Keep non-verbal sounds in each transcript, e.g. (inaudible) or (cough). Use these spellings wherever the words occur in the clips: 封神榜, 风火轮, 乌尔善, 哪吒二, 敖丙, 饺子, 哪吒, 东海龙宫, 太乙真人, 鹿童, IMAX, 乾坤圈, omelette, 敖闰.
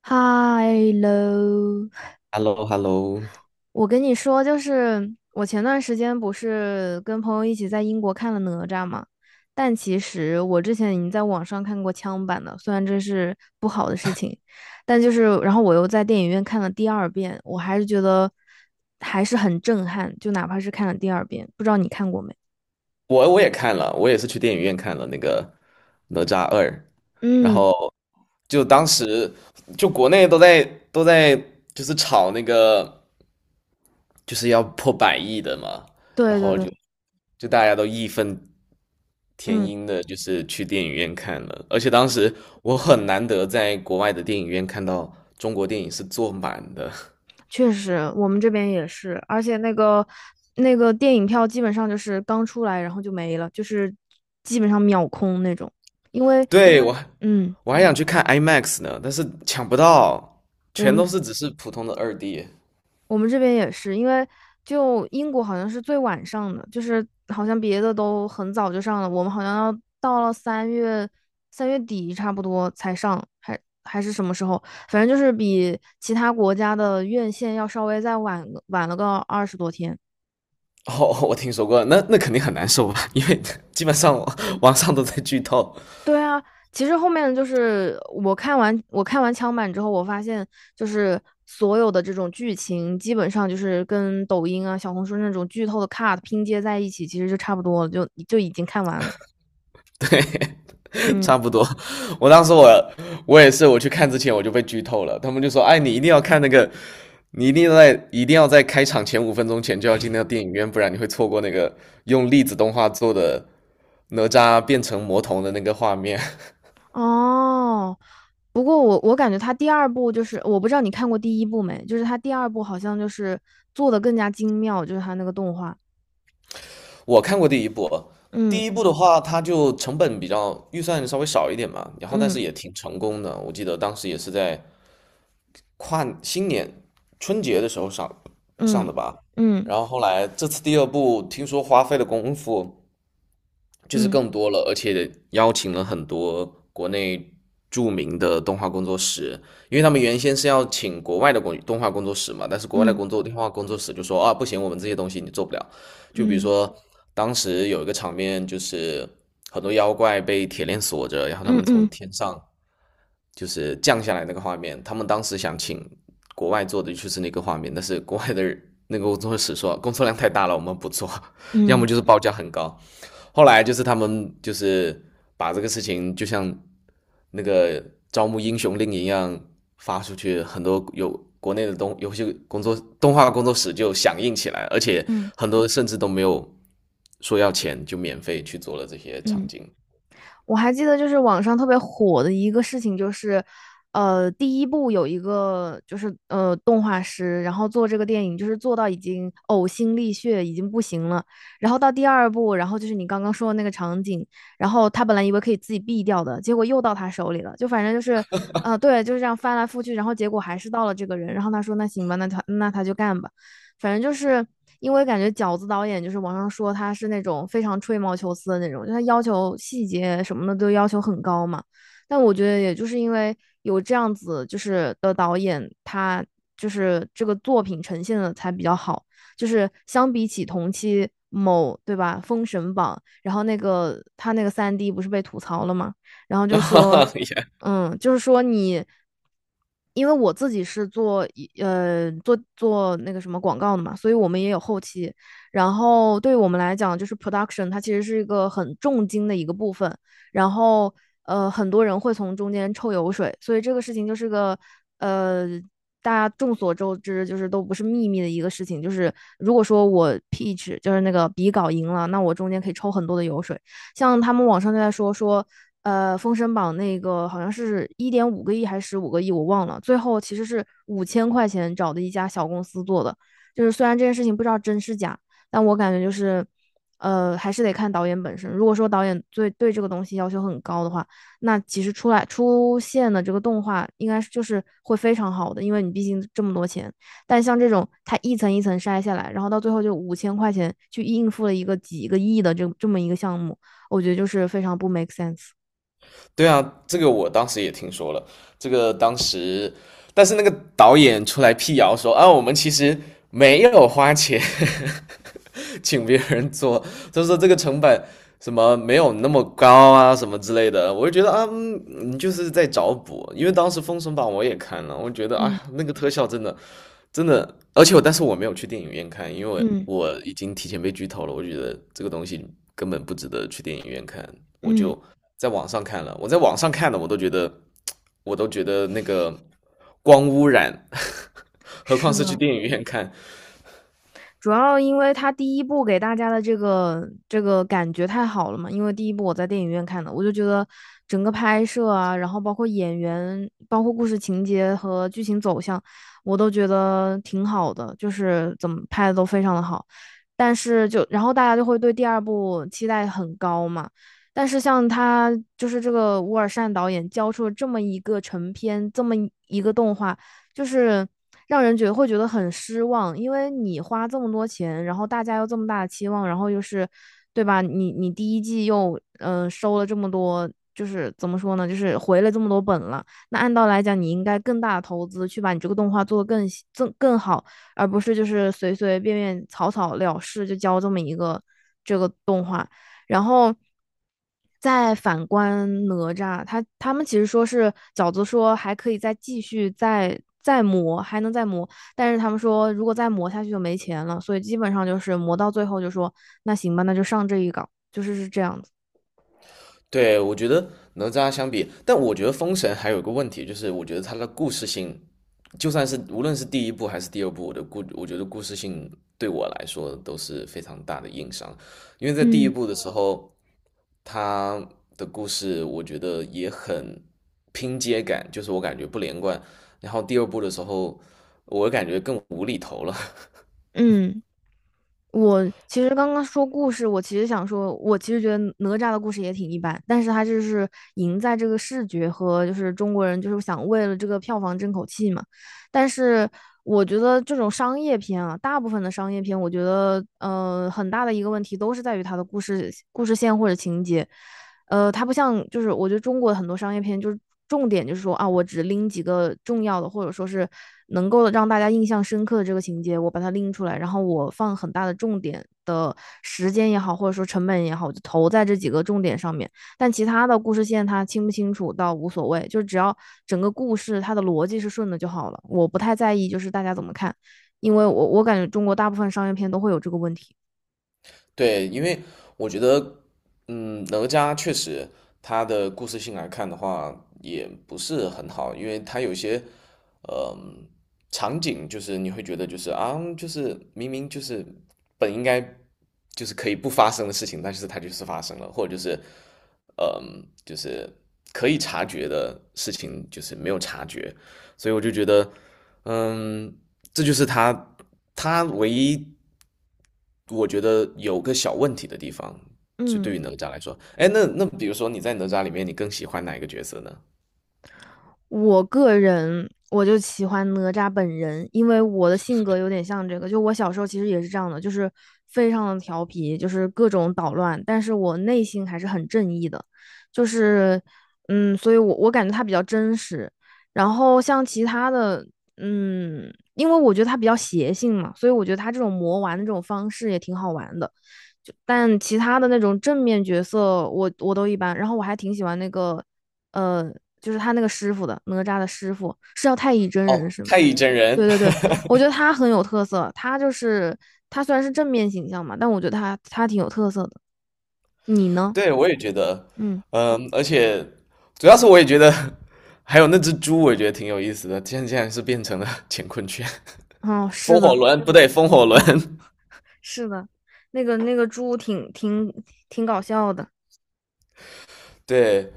嗨喽，h e l l o h e l l o。 我跟你说，就是我前段时间不是跟朋友一起在英国看了哪吒嘛，但其实我之前已经在网上看过枪版的，虽然这是不好的事情，但就是然后我又在电影院看了第二遍，我还是觉得还是很震撼，就哪怕是看了第二遍，不知道你看过没？我也看了，我也是去电影院看了那个《哪吒二》。然嗯，后就当时就国内都在都在就是炒那个就是要破100亿的嘛。然对对后对，就大家都义愤填嗯。膺的，就是去电影院看了，而且当时我很难得在国外的电影院看到中国电影是坐满的。(laughs) 确实，我们这边也是，而且那个电影票基本上就是刚出来，然后就没了，就是基本上秒空那种。因为，对，我还嗯，我还想去看 IMAX 呢，但是抢不到，我全们都是只是普通的2D。我们这边也是，因为就英国好像是最晚上的，就是好像别的都很早就上了，我们好像要到了三月底差不多才上，还是什么时候？反正就是比其他国家的院线要稍微再晚了个20多天。哦，我听说过，那肯定很难受吧？因为 (laughs) 基本上网上都在剧透。对啊，其实后面就是我看完枪版之后，我发现就是所有的这种剧情，基本上就是跟抖音啊、小红书那种剧透的 cut 拼接在一起，其实就差不多了，就已经看完了。对，(laughs) 差嗯，不多。我当时我我也是，我去看之前我就被剧透了。他们就说："哎，你一定要看那个，你一定要在开场前5分钟前就要进那个电影院，不然你会错过那个用粒子动画做的哪吒变成魔童的那个画面。"哦，不过我感觉他第二部就是我不知道你看过第一部没，就是他第二部好像就是做的更加精妙，就是他那个动画。我看过第一部。第嗯一部的话，它就成本比较预算稍微少一点嘛，然后但嗯是也挺成功的。我记得当时也是在跨新年春节的时候上嗯的吧。嗯然后后来这次第二部听说花费的功夫就是嗯更多了，而且邀请了很多国内著名的动画工作室。因为他们原先是要请国外的动画工作室嘛，但是国外的嗯动画工作室就说啊，不行，我们这些东西你做不了。就比如嗯说，当时有一个场面，就是很多妖怪被铁链锁着，然后他嗯们从嗯天上就是降下来那个画面。他们当时想请国外做的就是那个画面，但是国外的那个工作室说工作量太大了，我们不做。(laughs) 要么嗯就是报价很高。后来就是他们就是把这个事情就像那个招募英雄令一样发出去。很多有国内的东，游戏工作动画工作室就响应起来，而且嗯嗯。很多甚至都没有说要钱，就免费去做了这些场嗯。景。我还记得就是网上特别火的一个事情，就是第一部有一个就是动画师，然后做这个电影就是做到已经呕心沥血，已经不行了。然后到第二部，然后就是你刚刚说的那个场景，然后他本来以为可以自己毙掉的，结果又到他手里了。就反正就是对，就是这样翻来覆去，然后结果还是到了这个人。然后他说那行吧，那他就干吧。反正就是因为感觉饺子导演就是网上说他是那种非常吹毛求疵的那种，就他要求细节什么的都要求很高嘛。但我觉得也就是因为有这样子就是的导演，他就是这个作品呈现的才比较好，就是相比起同期。某对吧？封神榜，然后那个他那个三 D 不是被吐槽了吗？然后就说 (laughs) 也嗯，就是说你，因为我自己是做一呃做做那个什么广告的嘛，所以我们也有后期。然后对于我们来讲，就是 production,它其实是一个很重金的一个部分。然后很多人会从中间抽油水，所以这个事情就是个呃大家众所周知，就是都不是秘密的一个事情。就是如果说我 pitch 就是那个比稿赢了，那我中间可以抽很多的油水。像他们网上就在说，封神榜》那个好像是1.5个亿还是15个亿，我忘了。最后其实是五千块钱找的一家小公司做的，就是虽然这件事情不知道真是假，但我感觉就是，还是得看导演本身。如果说导演对这个东西要求很高的话，那其实出现的这个动画应该是就是会非常好的，因为你毕竟这么多钱。但像这种它一层一层筛下来，然后到最后就五千块钱去应付了一个几个亿的这么一个项目，我觉得就是非常不 make sense。对啊，这个我当时也听说了，这个当时。但是那个导演出来辟谣说啊，我们其实没有花钱请别人做。(laughs) 就是说这个成本什么没有那么高啊，什么之类的。我就觉得啊，你就是在找补。因为当时《封神榜》我也看了，我觉得啊，嗯那个特效真的真的，而且但是我没有去电影院看。因为嗯我已经提前被剧透了，我觉得这个东西根本不值得去电影院看，我嗯，就在网上看了。我在网上看的，我都觉得，那个光污染，(laughs) 何况是是去的，电影院看。主要因为他第一部给大家的这个感觉太好了嘛，因为第一部我在电影院看的，我就觉得整个拍摄啊，然后包括演员，包括故事情节和剧情走向，我都觉得挺好的，就是怎么拍的都非常的好。但是就然后大家就会对第二部期待很高嘛。但是像他就是这个乌尔善导演交出了这么一个成片，这么一个动画，就是让人觉得会觉得很失望，因为你花这么多钱，然后大家又这么大的期望，然后又是，对吧？你第一季又收了这么多，就是怎么说呢？就是回了这么多本了。那按道理来讲，你应该更大的投资去把你这个动画做得更细更好，而不是就是随随便便草草了事就交这么一个这个动画。然后再反观哪吒，他们其实说是饺子说还可以再继续再磨，还能再磨，但是他们说如果再磨下去就没钱了，所以基本上就是磨到最后就说那行吧，那就上这一稿，就是是这样子。对，我觉得哪吒相比，但我觉得封神还有个问题。就是我觉得它的故事性，就算是无论是第一部还是第二部，我觉得故事性对我来说都是非常大的硬伤。因为在第一嗯部的时候，它的故事我觉得也很拼接感，就是我感觉不连贯。然后第二部的时候，我感觉更无厘头了。(laughs) 嗯。我其实刚刚说故事，我其实想说，我其实觉得哪吒的故事也挺一般，但是他就是赢在这个视觉和就是中国人就是想为了这个票房争口气嘛。但是我觉得这种商业片啊，大部分的商业片，我觉得很大的一个问题都是在于它的故事线或者情节。它不像就是我觉得中国很多商业片就是重点就是说啊，我只拎几个重要的，或者说是能够让大家印象深刻的这个情节，我把它拎出来，然后我放很大的重点的时间也好，或者说成本也好，我就投在这几个重点上面。但其他的故事线它清不清楚倒无所谓，就是只要整个故事它的逻辑是顺的就好了。我不太在意就是大家怎么看，因为我感觉中国大部分商业片都会有这个问题。对，因为我觉得，哪吒确实他的故事性来看的话，也不是很好。因为他有些场景就是你会觉得就是啊，就是明明就是本应该就是可以不发生的事情，但是它就是发生了，或者就是嗯，呃就是可以察觉的事情，就是没有察觉。所以我就觉得，嗯，这就是他唯一我觉得有个小问题的地方。就对嗯。于哪吒来说，哎，那比如说你在哪吒里面，你更喜欢哪一个角色呢？我个人我就喜欢哪吒本人，因为我的性格有点像这个，就我小时候其实也是这样的，就是非常的调皮，就是各种捣乱，但是我内心还是很正义的，就是所以我感觉他比较真实，然后像其他的，因为我觉得他比较邪性嘛，所以我觉得他这种魔丸的这种方式也挺好玩的。就但其他的那种正面角色我都一般。然后我还挺喜欢那个呃，就是他那个师傅的哪吒的师傅是叫太乙真人哦，是吗？太乙真人。对对对，(laughs) 我觉得他很有特色，他就是他虽然是正面形象嘛，但我觉得他挺有特色的。你呢？对，我也觉得，嗯，而且主要是我也觉得，(laughs) 还有那只猪，我也觉得挺有意思的。现在竟然是变成了 (laughs) 乾坤圈、哦，(laughs) 是风火的轮，不对，风火啊，轮。(laughs) 是的，那个猪挺搞笑的。(laughs) 对。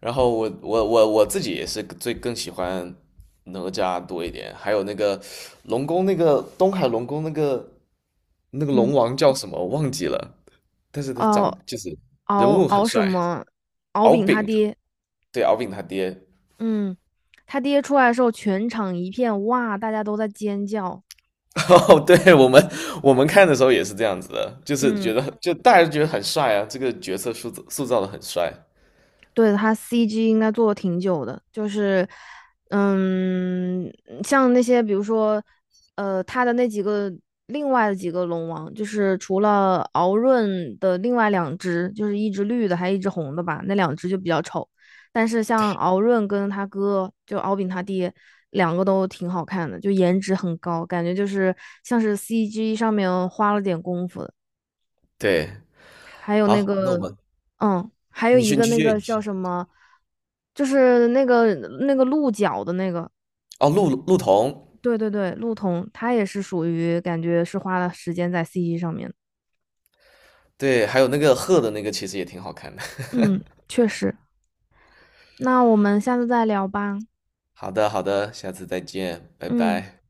然后我自己也是最更喜欢哪吒多一点。还有那个龙宫那个东海龙宫那个嗯，龙王叫什么我忘记了，但是他长哦，就是人敖物很敖什帅。么？敖敖丙他丙，爹，对，敖丙他爹。嗯，他爹出来的时候，全场一片哇，大家都在尖叫。哦，对，我们看的时候也是这样子的，就是觉嗯。得就大家觉得很帅啊，这个角色塑造的很帅。对，他 CG 应该做的挺久的，就是，嗯，像那些比如说，它的那几个另外的几个龙王，就是除了敖闰的另外两只，就是一只绿的，还一只红的吧，那两只就比较丑。但是像敖闰跟他哥，就敖丙他爹，两个都挺好看的，就颜值很高，感觉就是像是 CG 上面花了点功夫的。对，还有那好，那我个，们还有你一去你个去那续，个你继叫续。什么，就是那个鹿角的那个，哦，陆童。对对对，鹿童，他也是属于感觉是花了时间在 CG 上面的。对，还有那个贺的那个其实也挺好看的。(laughs) 嗯，确实。那我们下次再聊吧。好的，好的，下次再见，拜嗯。拜。